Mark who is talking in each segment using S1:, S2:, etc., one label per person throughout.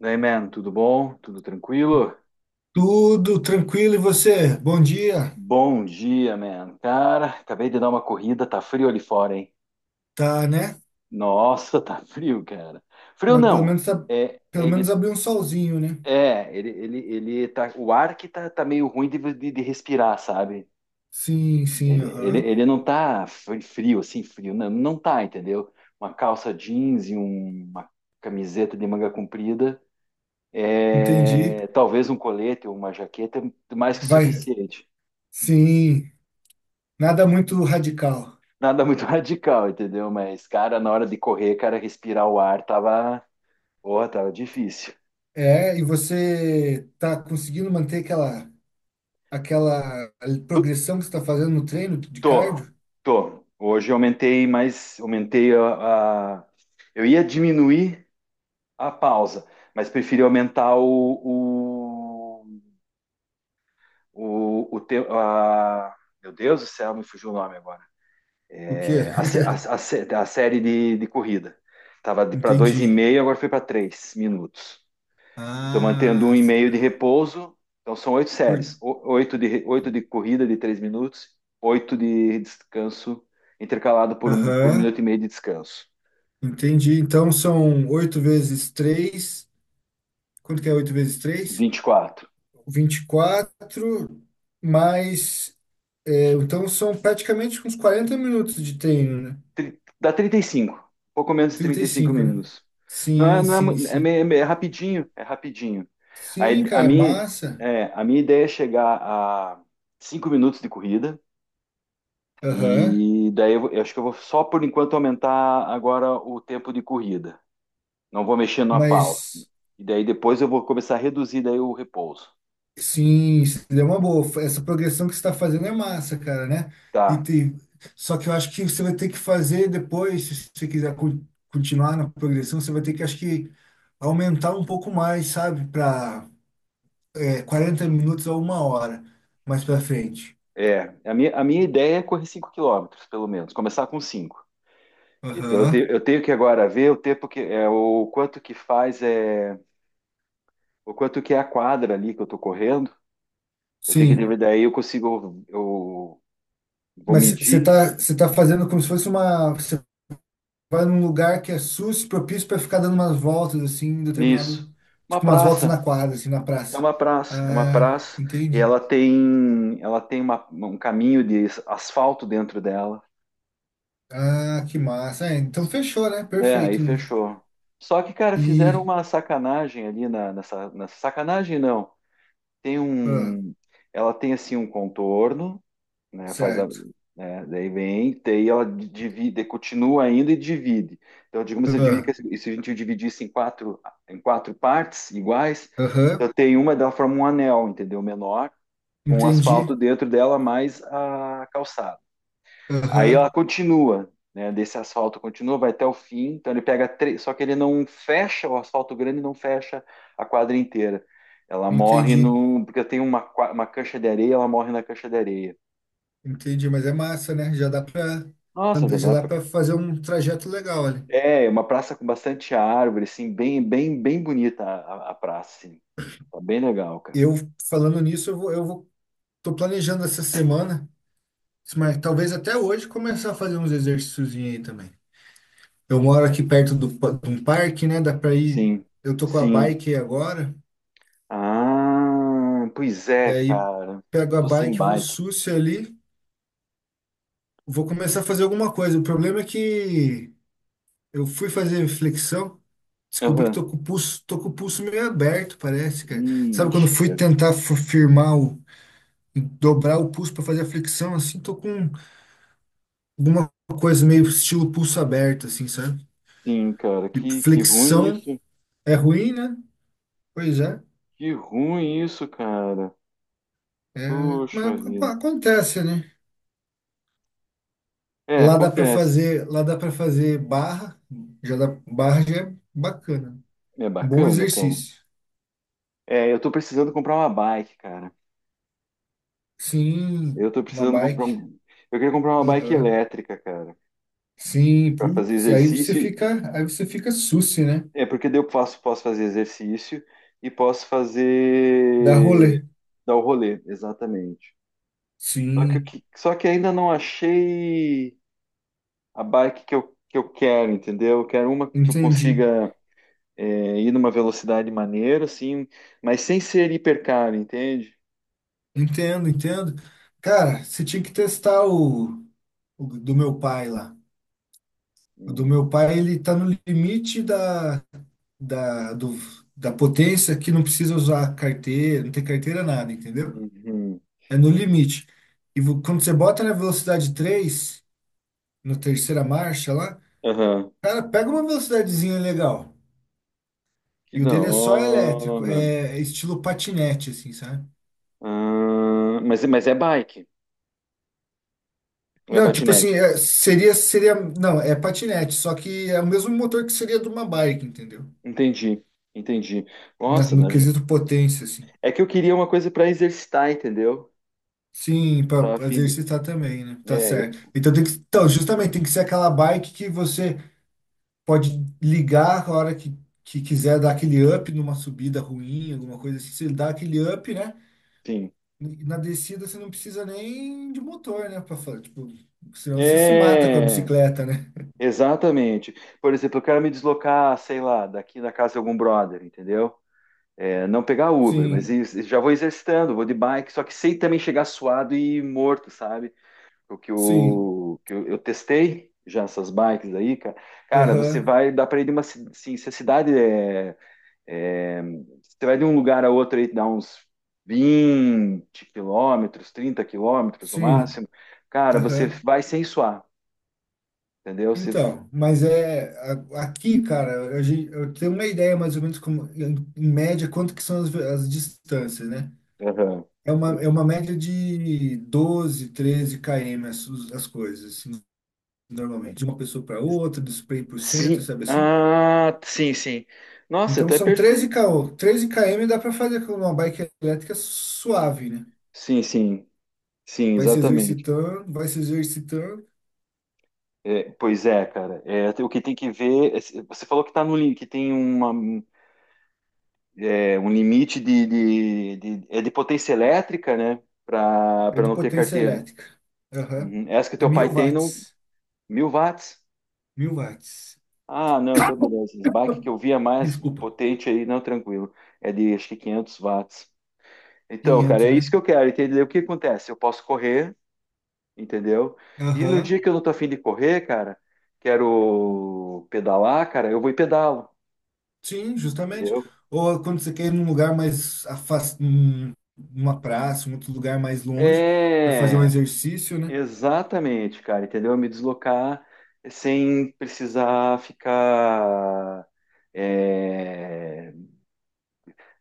S1: Daí, man, tudo bom? Tudo tranquilo?
S2: Tudo tranquilo e você? Bom dia.
S1: Bom dia, man. Cara, acabei de dar uma corrida, tá frio ali fora, hein?
S2: Tá, né?
S1: Nossa, tá frio, cara. Frio
S2: Mas pelo
S1: não.
S2: menos tá,
S1: É,
S2: pelo menos
S1: ele,
S2: abriu um solzinho, né?
S1: é, ele tá, o ar que tá meio ruim de respirar, sabe?
S2: Sim, sim,
S1: Ele, ele,
S2: aham.
S1: ele não tá frio, assim, frio, não tá, entendeu? Uma calça jeans e uma camiseta de manga comprida,
S2: Entendi.
S1: é, talvez um colete ou uma jaqueta, é mais que
S2: Vai.
S1: suficiente.
S2: Sim, nada muito radical.
S1: Nada muito radical, entendeu? Mas, cara, na hora de correr, cara, respirar o ar tava, porra, tava difícil.
S2: É, e você tá conseguindo manter aquela
S1: Tu-
S2: progressão que você tá fazendo no treino de
S1: Tô,
S2: cardio?
S1: tô. Hoje eu aumentei mais, aumentei. Eu ia diminuir a pausa, mas preferi aumentar o, o, o, o te- a- Meu Deus do céu, me fugiu o nome agora.
S2: O quê?
S1: É, a, sé- a, a sé- a série de corrida. Tava de para dois e
S2: Entendi.
S1: meio, agora foi para 3 minutos. E estou mantendo um
S2: Ah,
S1: e meio de repouso. Então são oito
S2: por...
S1: séries. Oito de, oito de, corrida de 3 minutos, oito de descanso, intercalado por um
S2: aham,
S1: minuto e meio de descanso.
S2: entendi. Então são oito vezes três. Quanto que é oito vezes três?
S1: 24.
S2: 24 mais. É, então são praticamente uns 40 minutos de treino, né?
S1: Dá 35. Pouco menos de
S2: trinta
S1: trinta
S2: e
S1: e cinco
S2: cinco né?
S1: minutos. Não é,
S2: Sim,
S1: não é,
S2: sim,
S1: mu- é,
S2: sim.
S1: meio- é meio- é rapidinho, é rapidinho.
S2: Sim,
S1: Aí, a
S2: cara, é
S1: minha,
S2: massa.
S1: é, a minha ideia é chegar a 5 minutos de corrida.
S2: Aham.
S1: E daí eu acho que eu vou só por enquanto aumentar agora o tempo de corrida. Não vou mexer na pausa.
S2: Mas
S1: E daí depois eu vou começar a reduzir daí o repouso.
S2: sim, isso é uma boa. Essa progressão que você está fazendo é massa, cara, né? E
S1: Tá.
S2: tem... Só que eu acho que você vai ter que fazer depois, se você quiser continuar na progressão, você vai ter que, acho que, aumentar um pouco mais, sabe? Para 40 minutos a uma hora mais para frente.
S1: É, a minha ideia é correr 5 quilômetros pelo menos, começar com cinco. Então eu, te-
S2: Aham,
S1: eu tenho que agora ver o tempo que é o quanto que faz é o quanto que é a quadra ali que eu tô correndo. Eu tenho que ver
S2: sim.
S1: daí eu consigo eu vou
S2: Mas você
S1: medir
S2: tá, você tá fazendo como se fosse uma. Você vai num lugar que é sus propício para ficar dando umas voltas, assim, em
S1: nisso.
S2: determinado.
S1: Uma
S2: Tipo, umas voltas na
S1: praça,
S2: quadra, assim, na
S1: é
S2: praça.
S1: uma praça, é uma
S2: Ah,
S1: praça e
S2: entendi.
S1: ela tem um caminho de asfalto dentro dela.
S2: Ah, que massa. É, então fechou, né?
S1: É, aí
S2: Perfeito.
S1: fechou. Só que, cara, fizeram
S2: E.
S1: uma sacanagem ali na, nessa sacanagem, não. Tem
S2: ah,
S1: um. Ela tem assim um contorno, né? Faz a.
S2: certo.
S1: Né, daí vem, tem ela divide, continua ainda e divide. Então, digamos, eu dividi, que
S2: Ah,
S1: se a gente dividisse em quatro partes iguais,
S2: aham,
S1: eu tenho uma dela forma um anel, entendeu? Menor, com o asfalto
S2: entendi.
S1: dentro dela mais a calçada. Aí ela
S2: Aham,
S1: continua, né? Desse asfalto continua, vai até o fim. Então ele pega três, só que ele não fecha o asfalto grande, não fecha a quadra inteira. Ela morre
S2: entendi.
S1: no, porque tem uma cancha de areia, ela morre na cancha de areia.
S2: Entendi, mas é massa, né? Já dá pra,
S1: Nossa, já
S2: já
S1: dá
S2: dá
S1: pra.
S2: para fazer um trajeto legal ali.
S1: É, uma praça com bastante árvore, assim, bem, bem, bem bonita a praça, assim. Tá bem legal, cara.
S2: Eu, falando nisso, eu vou tô planejando essa semana, mas talvez até hoje começar a fazer uns exercícios aí também. Eu moro
S1: É.
S2: aqui perto de um parque, né? Dá pra ir.
S1: Sim,
S2: Eu tô com a
S1: sim.
S2: bike aí agora,
S1: Ah, pois é,
S2: daí
S1: cara.
S2: pego
S1: Eu
S2: a
S1: tô sem
S2: bike, vou
S1: bike.
S2: sucio ali, vou começar a fazer alguma coisa. O problema é que eu fui fazer flexão, descobri que
S1: Aham.
S2: tô com o pulso meio aberto, parece, cara. Sabe quando
S1: Ixi,
S2: fui
S1: cara.
S2: tentar firmar dobrar o pulso pra fazer a flexão, assim, tô com alguma coisa meio estilo pulso aberto, assim, sabe?
S1: Sim, cara,
S2: Tipo,
S1: que ruim
S2: flexão
S1: isso,
S2: é ruim, né? Pois é,
S1: que ruim isso, cara.
S2: é, mas
S1: Puxa
S2: ac-
S1: vida.
S2: acontece, né?
S1: É,
S2: Lá dá para
S1: acontece.
S2: fazer, lá dá para fazer barra, já dá, barra já é bacana.
S1: É
S2: Bom
S1: bacana, cara.
S2: exercício.
S1: É, eu tô precisando comprar uma bike, cara.
S2: Sim,
S1: Eu tô
S2: uma
S1: precisando comprar
S2: bike.
S1: um. Eu queria comprar uma bike
S2: Aham.
S1: elétrica, cara,
S2: Sim,
S1: pra fazer
S2: putz, aí você
S1: exercício.
S2: fica, aí você fica sucio, né?
S1: É porque daí eu posso fazer exercício e posso
S2: Dá rolê.
S1: fazer dar o rolê, exatamente. Só que, o
S2: Sim,
S1: que- só que ainda não achei a bike que eu quero, entendeu? Eu quero uma que eu
S2: entendi.
S1: consiga ir numa velocidade maneira, assim, mas sem ser hipercaro, entende?
S2: Entendo, entendo. Cara, você tinha que testar o do meu pai lá. O do
S1: Hum.
S2: meu pai, ele tá no limite da, do, da potência que não precisa usar carteira, não tem carteira nada, entendeu?
S1: Uhum.
S2: É no limite. E quando você bota na velocidade 3 na terceira marcha lá,
S1: Aham.
S2: cara, pega uma velocidadezinha legal.
S1: Que
S2: E o
S1: da
S2: dele é só elétrico,
S1: hora.
S2: é estilo patinete, assim, sabe?
S1: Ah, mas é bike, ou é
S2: Não, tipo assim,
S1: patinete?
S2: seria, não, é patinete, só que é o mesmo motor que seria de uma bike, entendeu?
S1: Entendi, entendi.
S2: Na-
S1: Nossa,
S2: no
S1: né?
S2: quesito potência, assim.
S1: É que eu queria uma coisa para exercitar, entendeu?
S2: Sim,
S1: Tava a
S2: para
S1: fim de.
S2: exercitar também, né? Tá
S1: É,
S2: certo. Então tem que, então, justamente tem que ser aquela bike que você pode ligar a hora que quiser dar aquele up numa subida ruim, alguma coisa assim, você dá aquele up, né?
S1: sim.
S2: E na descida você não precisa nem de motor, né, para falar, tipo, senão você se mata com a
S1: É,
S2: bicicleta, né?
S1: exatamente. Por exemplo, eu quero me deslocar, sei lá, daqui da casa de algum brother, entendeu? É, não pegar Uber, mas
S2: Sim.
S1: já vou exercitando, vou de bike, só que sei também chegar suado e morto, sabe? O que
S2: Sim.
S1: eu testei já essas bikes aí, cara. Cara, você
S2: Aham.
S1: vai, dá pra ir assim, se a cidade é, você vai de um lugar a outro aí, dá uns 20 quilômetros, 30 quilômetros no
S2: Sim.
S1: máximo. Cara, você
S2: Aham.
S1: vai sem suar, entendeu? Você.
S2: Então, mas é aqui, cara, eu tenho uma ideia mais ou menos como, em média quanto que são as distâncias, né?
S1: Aham.
S2: É uma média de 12, 13 km as coisas, assim, normalmente, de uma pessoa para outra, do spray por cento,
S1: Sim,
S2: sabe assim?
S1: ah, sim, sim. Nossa,
S2: Então
S1: até
S2: são treze
S1: perfeito.
S2: km, treze km dá para fazer com uma bike elétrica suave, né?
S1: Sim, sim, sim, exatamente.
S2: Vai se exercitando,
S1: É, pois é, cara. É, o que tem que ver. Você falou que tá no, lim- que tem um limite de potência elétrica, né? Para
S2: é
S1: para
S2: de
S1: não ter
S2: potência
S1: carteira.
S2: elétrica. Aham.
S1: Uhum. Essa que
S2: É
S1: teu pai
S2: mil
S1: tem, não,
S2: watts,
S1: 1.000 watts.
S2: 1.000 watts.
S1: Ah, não, então beleza. Esse bike que eu via mais
S2: Desculpa.
S1: potente aí, não, tranquilo. É de acho que 500 watts. Então, cara,
S2: 500,
S1: é isso
S2: né?
S1: que eu quero, entendeu? O que acontece? Eu posso correr, entendeu? E no
S2: Aham.
S1: dia que eu não tô afim de correr, cara, quero pedalar, cara, eu vou e pedalo.
S2: Sim, justamente.
S1: Entendeu?
S2: Ou quando você quer ir num lugar mais afastado, numa praça, um outro lugar mais longe, para fazer um
S1: É,
S2: exercício, né?
S1: exatamente, cara, entendeu? Me deslocar sem precisar ficar é,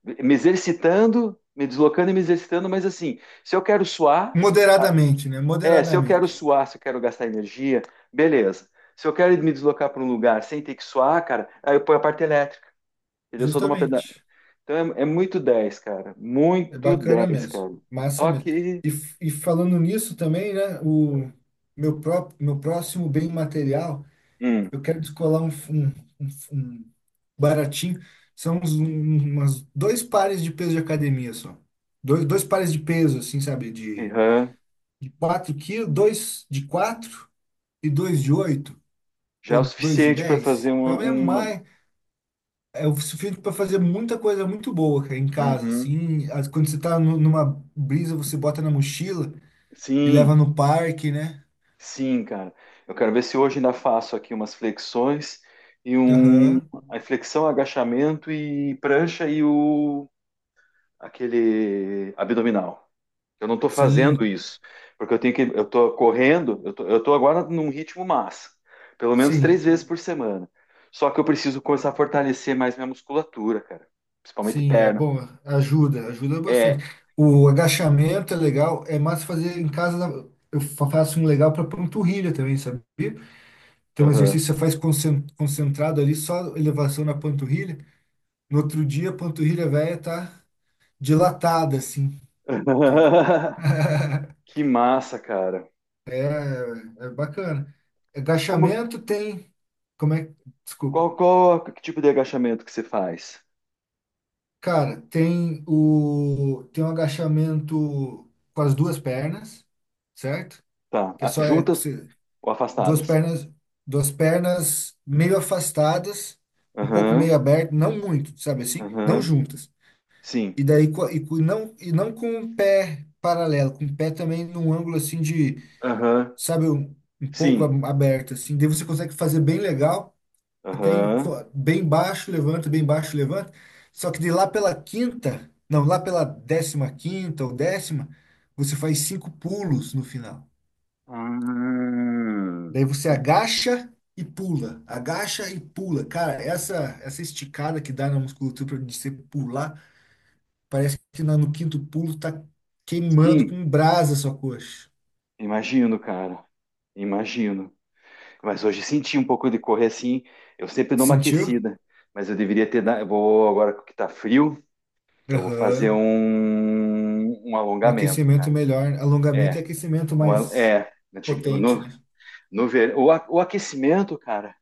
S1: me exercitando, me deslocando e me exercitando, mas assim, se eu quero suar,
S2: Moderadamente, né?
S1: é, se eu quero
S2: Moderadamente.
S1: suar, se eu quero gastar energia, beleza. Se eu quero me deslocar para um lugar sem ter que suar, cara, aí eu ponho a parte elétrica, entendeu? Eu sou de uma peda.
S2: Justamente.
S1: Então é muito 10, cara,
S2: É
S1: muito
S2: bacana
S1: 10,
S2: mesmo.
S1: cara.
S2: Massa
S1: Só
S2: mesmo.
S1: que,
S2: E falando nisso também, né? O meu próximo bem material,
S1: hum,
S2: eu quero descolar um baratinho. São umas dois pares de peso de academia só. Dois pares de peso, assim, sabe? De,
S1: aham.
S2: de 4 quilos, dois de 4 e dois de 8
S1: Já é o
S2: ou dois de
S1: suficiente para fazer
S2: 10.
S1: uma,
S2: Pra mim é
S1: uma-
S2: mais, é o suficiente para fazer muita coisa muito boa, cara, em casa,
S1: Uhum.
S2: assim. Quando você tá numa brisa, você bota na mochila e leva
S1: Sim,
S2: no parque, né?
S1: sim, cara. Eu quero ver se hoje ainda faço aqui umas flexões e um.
S2: Aham,
S1: A flexão, agachamento e prancha e o aquele abdominal. Eu não estou fazendo
S2: sim,
S1: isso, porque eu tenho que. Eu estou correndo, eu tô agora num ritmo massa, pelo menos três
S2: sim.
S1: vezes por semana. Só que eu preciso começar a fortalecer mais minha musculatura, cara. Principalmente
S2: Sim, é
S1: perna.
S2: bom, ajuda
S1: É.
S2: bastante. O agachamento é legal, é mais fazer em casa. Eu faço um legal para panturrilha também, sabia? Então, o
S1: Aham.
S2: exercício você faz concentrado ali, só elevação na panturrilha. No outro dia, a panturrilha velha tá dilatada, assim. Entende?
S1: Que massa, cara.
S2: É, é bacana.
S1: Como,
S2: Agachamento tem, como é, desculpa.
S1: qual, que tipo de agachamento que você faz?
S2: Cara, tem o tem um agachamento com as duas pernas, certo?
S1: Tá.
S2: Que é
S1: Ah,
S2: só é,
S1: juntas ou
S2: duas
S1: afastadas?
S2: pernas, duas pernas meio afastadas, um pouco meio
S1: Aham,
S2: aberto, não muito, sabe assim? Não
S1: aham.
S2: juntas.
S1: Sim.
S2: E daí e, não e não com o pé paralelo, com o pé também num ângulo assim de,
S1: Aham,
S2: sabe, um pouco
S1: sim.
S2: aberto assim. Daí você consegue fazer bem legal, até
S1: Aham.
S2: bem baixo, levanta, bem baixo, levanta. Só que de lá pela quinta, não, lá pela décima quinta ou décima, você faz cinco pulos no final.
S1: Ah,
S2: Daí você agacha e pula, agacha e pula. Cara, essa esticada que dá na musculatura de você pular, parece que no quinto pulo tá queimando
S1: sim,
S2: com brasa a sua coxa.
S1: imagino, cara. Imagino. Mas hoje senti um pouco de correr assim. Eu sempre dou uma
S2: Sentiu?
S1: aquecida, mas eu deveria ter. Eu vou agora que tá frio, eu vou fazer
S2: Aham.
S1: um
S2: Um
S1: alongamento, cara.
S2: aquecimento melhor, alongamento e
S1: É,
S2: aquecimento mais
S1: Antig-
S2: potente,
S1: no-
S2: né?
S1: No ver... O aquecimento, cara,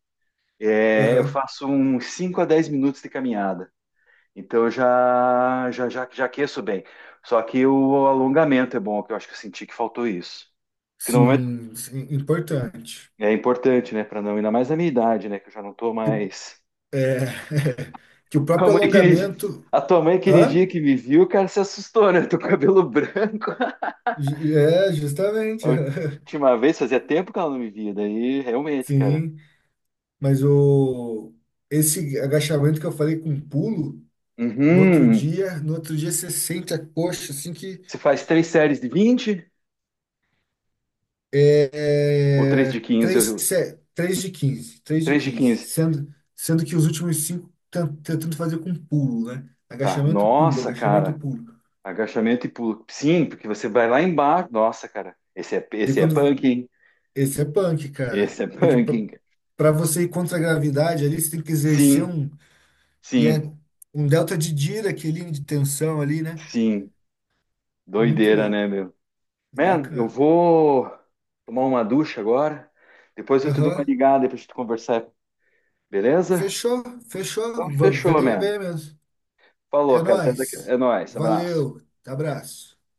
S1: eu
S2: Aham.
S1: faço uns 5 a 10 minutos de caminhada. Então eu já aqueço bem. Só que o alongamento é bom, que eu acho que eu senti que faltou isso. Que no momento
S2: Sim, sim, importante.
S1: é importante, né? Para não, ainda mais na minha idade, né? Que eu já não tô
S2: Que o,
S1: mais.
S2: é, que o
S1: A
S2: próprio
S1: mãe aquele dia-
S2: alongamento.
S1: a tua mãe aquele dia
S2: Hã?
S1: que me viu, cara, se assustou, né? Tô com cabelo branco.
S2: É,
S1: A
S2: justamente.
S1: última vez fazia tempo que ela não me via, daí realmente, cara.
S2: Sim. Mas o esse agachamento que eu falei com pulo, no outro
S1: Uhum.
S2: dia, no outro dia você sente a coxa assim que
S1: Você faz três séries de 20 ou três
S2: é
S1: de
S2: é,
S1: quinze
S2: 3 3 de 15 3 de
S1: três de
S2: 15
S1: quinze
S2: sendo que os últimos cinco tentando fazer com pulo, né?
S1: Tá.
S2: Agachamento, pulo,
S1: Nossa,
S2: agachamento,
S1: cara.
S2: pulo.
S1: Agachamento e pulo. Sim, porque você vai lá embaixo. Nossa, cara. Esse é,
S2: E
S1: esse é
S2: quando
S1: punk,
S2: esse é punk, cara,
S1: esse é
S2: porque
S1: punk.
S2: para você ir contra a gravidade ali, você tem que exercer
S1: Sim,
S2: e é
S1: sim,
S2: um delta de Dirac ali de tensão ali, né?
S1: sim.
S2: Muito
S1: Doideira,
S2: louco,
S1: né, meu? Man, eu
S2: bacana.
S1: vou tomar uma ducha agora. Depois eu te dou uma
S2: Aham.
S1: ligada pra gente conversar, beleza?
S2: Fechou, fechou.
S1: Então, fechou,
S2: Venha,
S1: man.
S2: venha mesmo.
S1: Falou,
S2: É
S1: cara. Até daqui.
S2: nóis.
S1: É nóis. Abraço.
S2: Valeu. Abraço.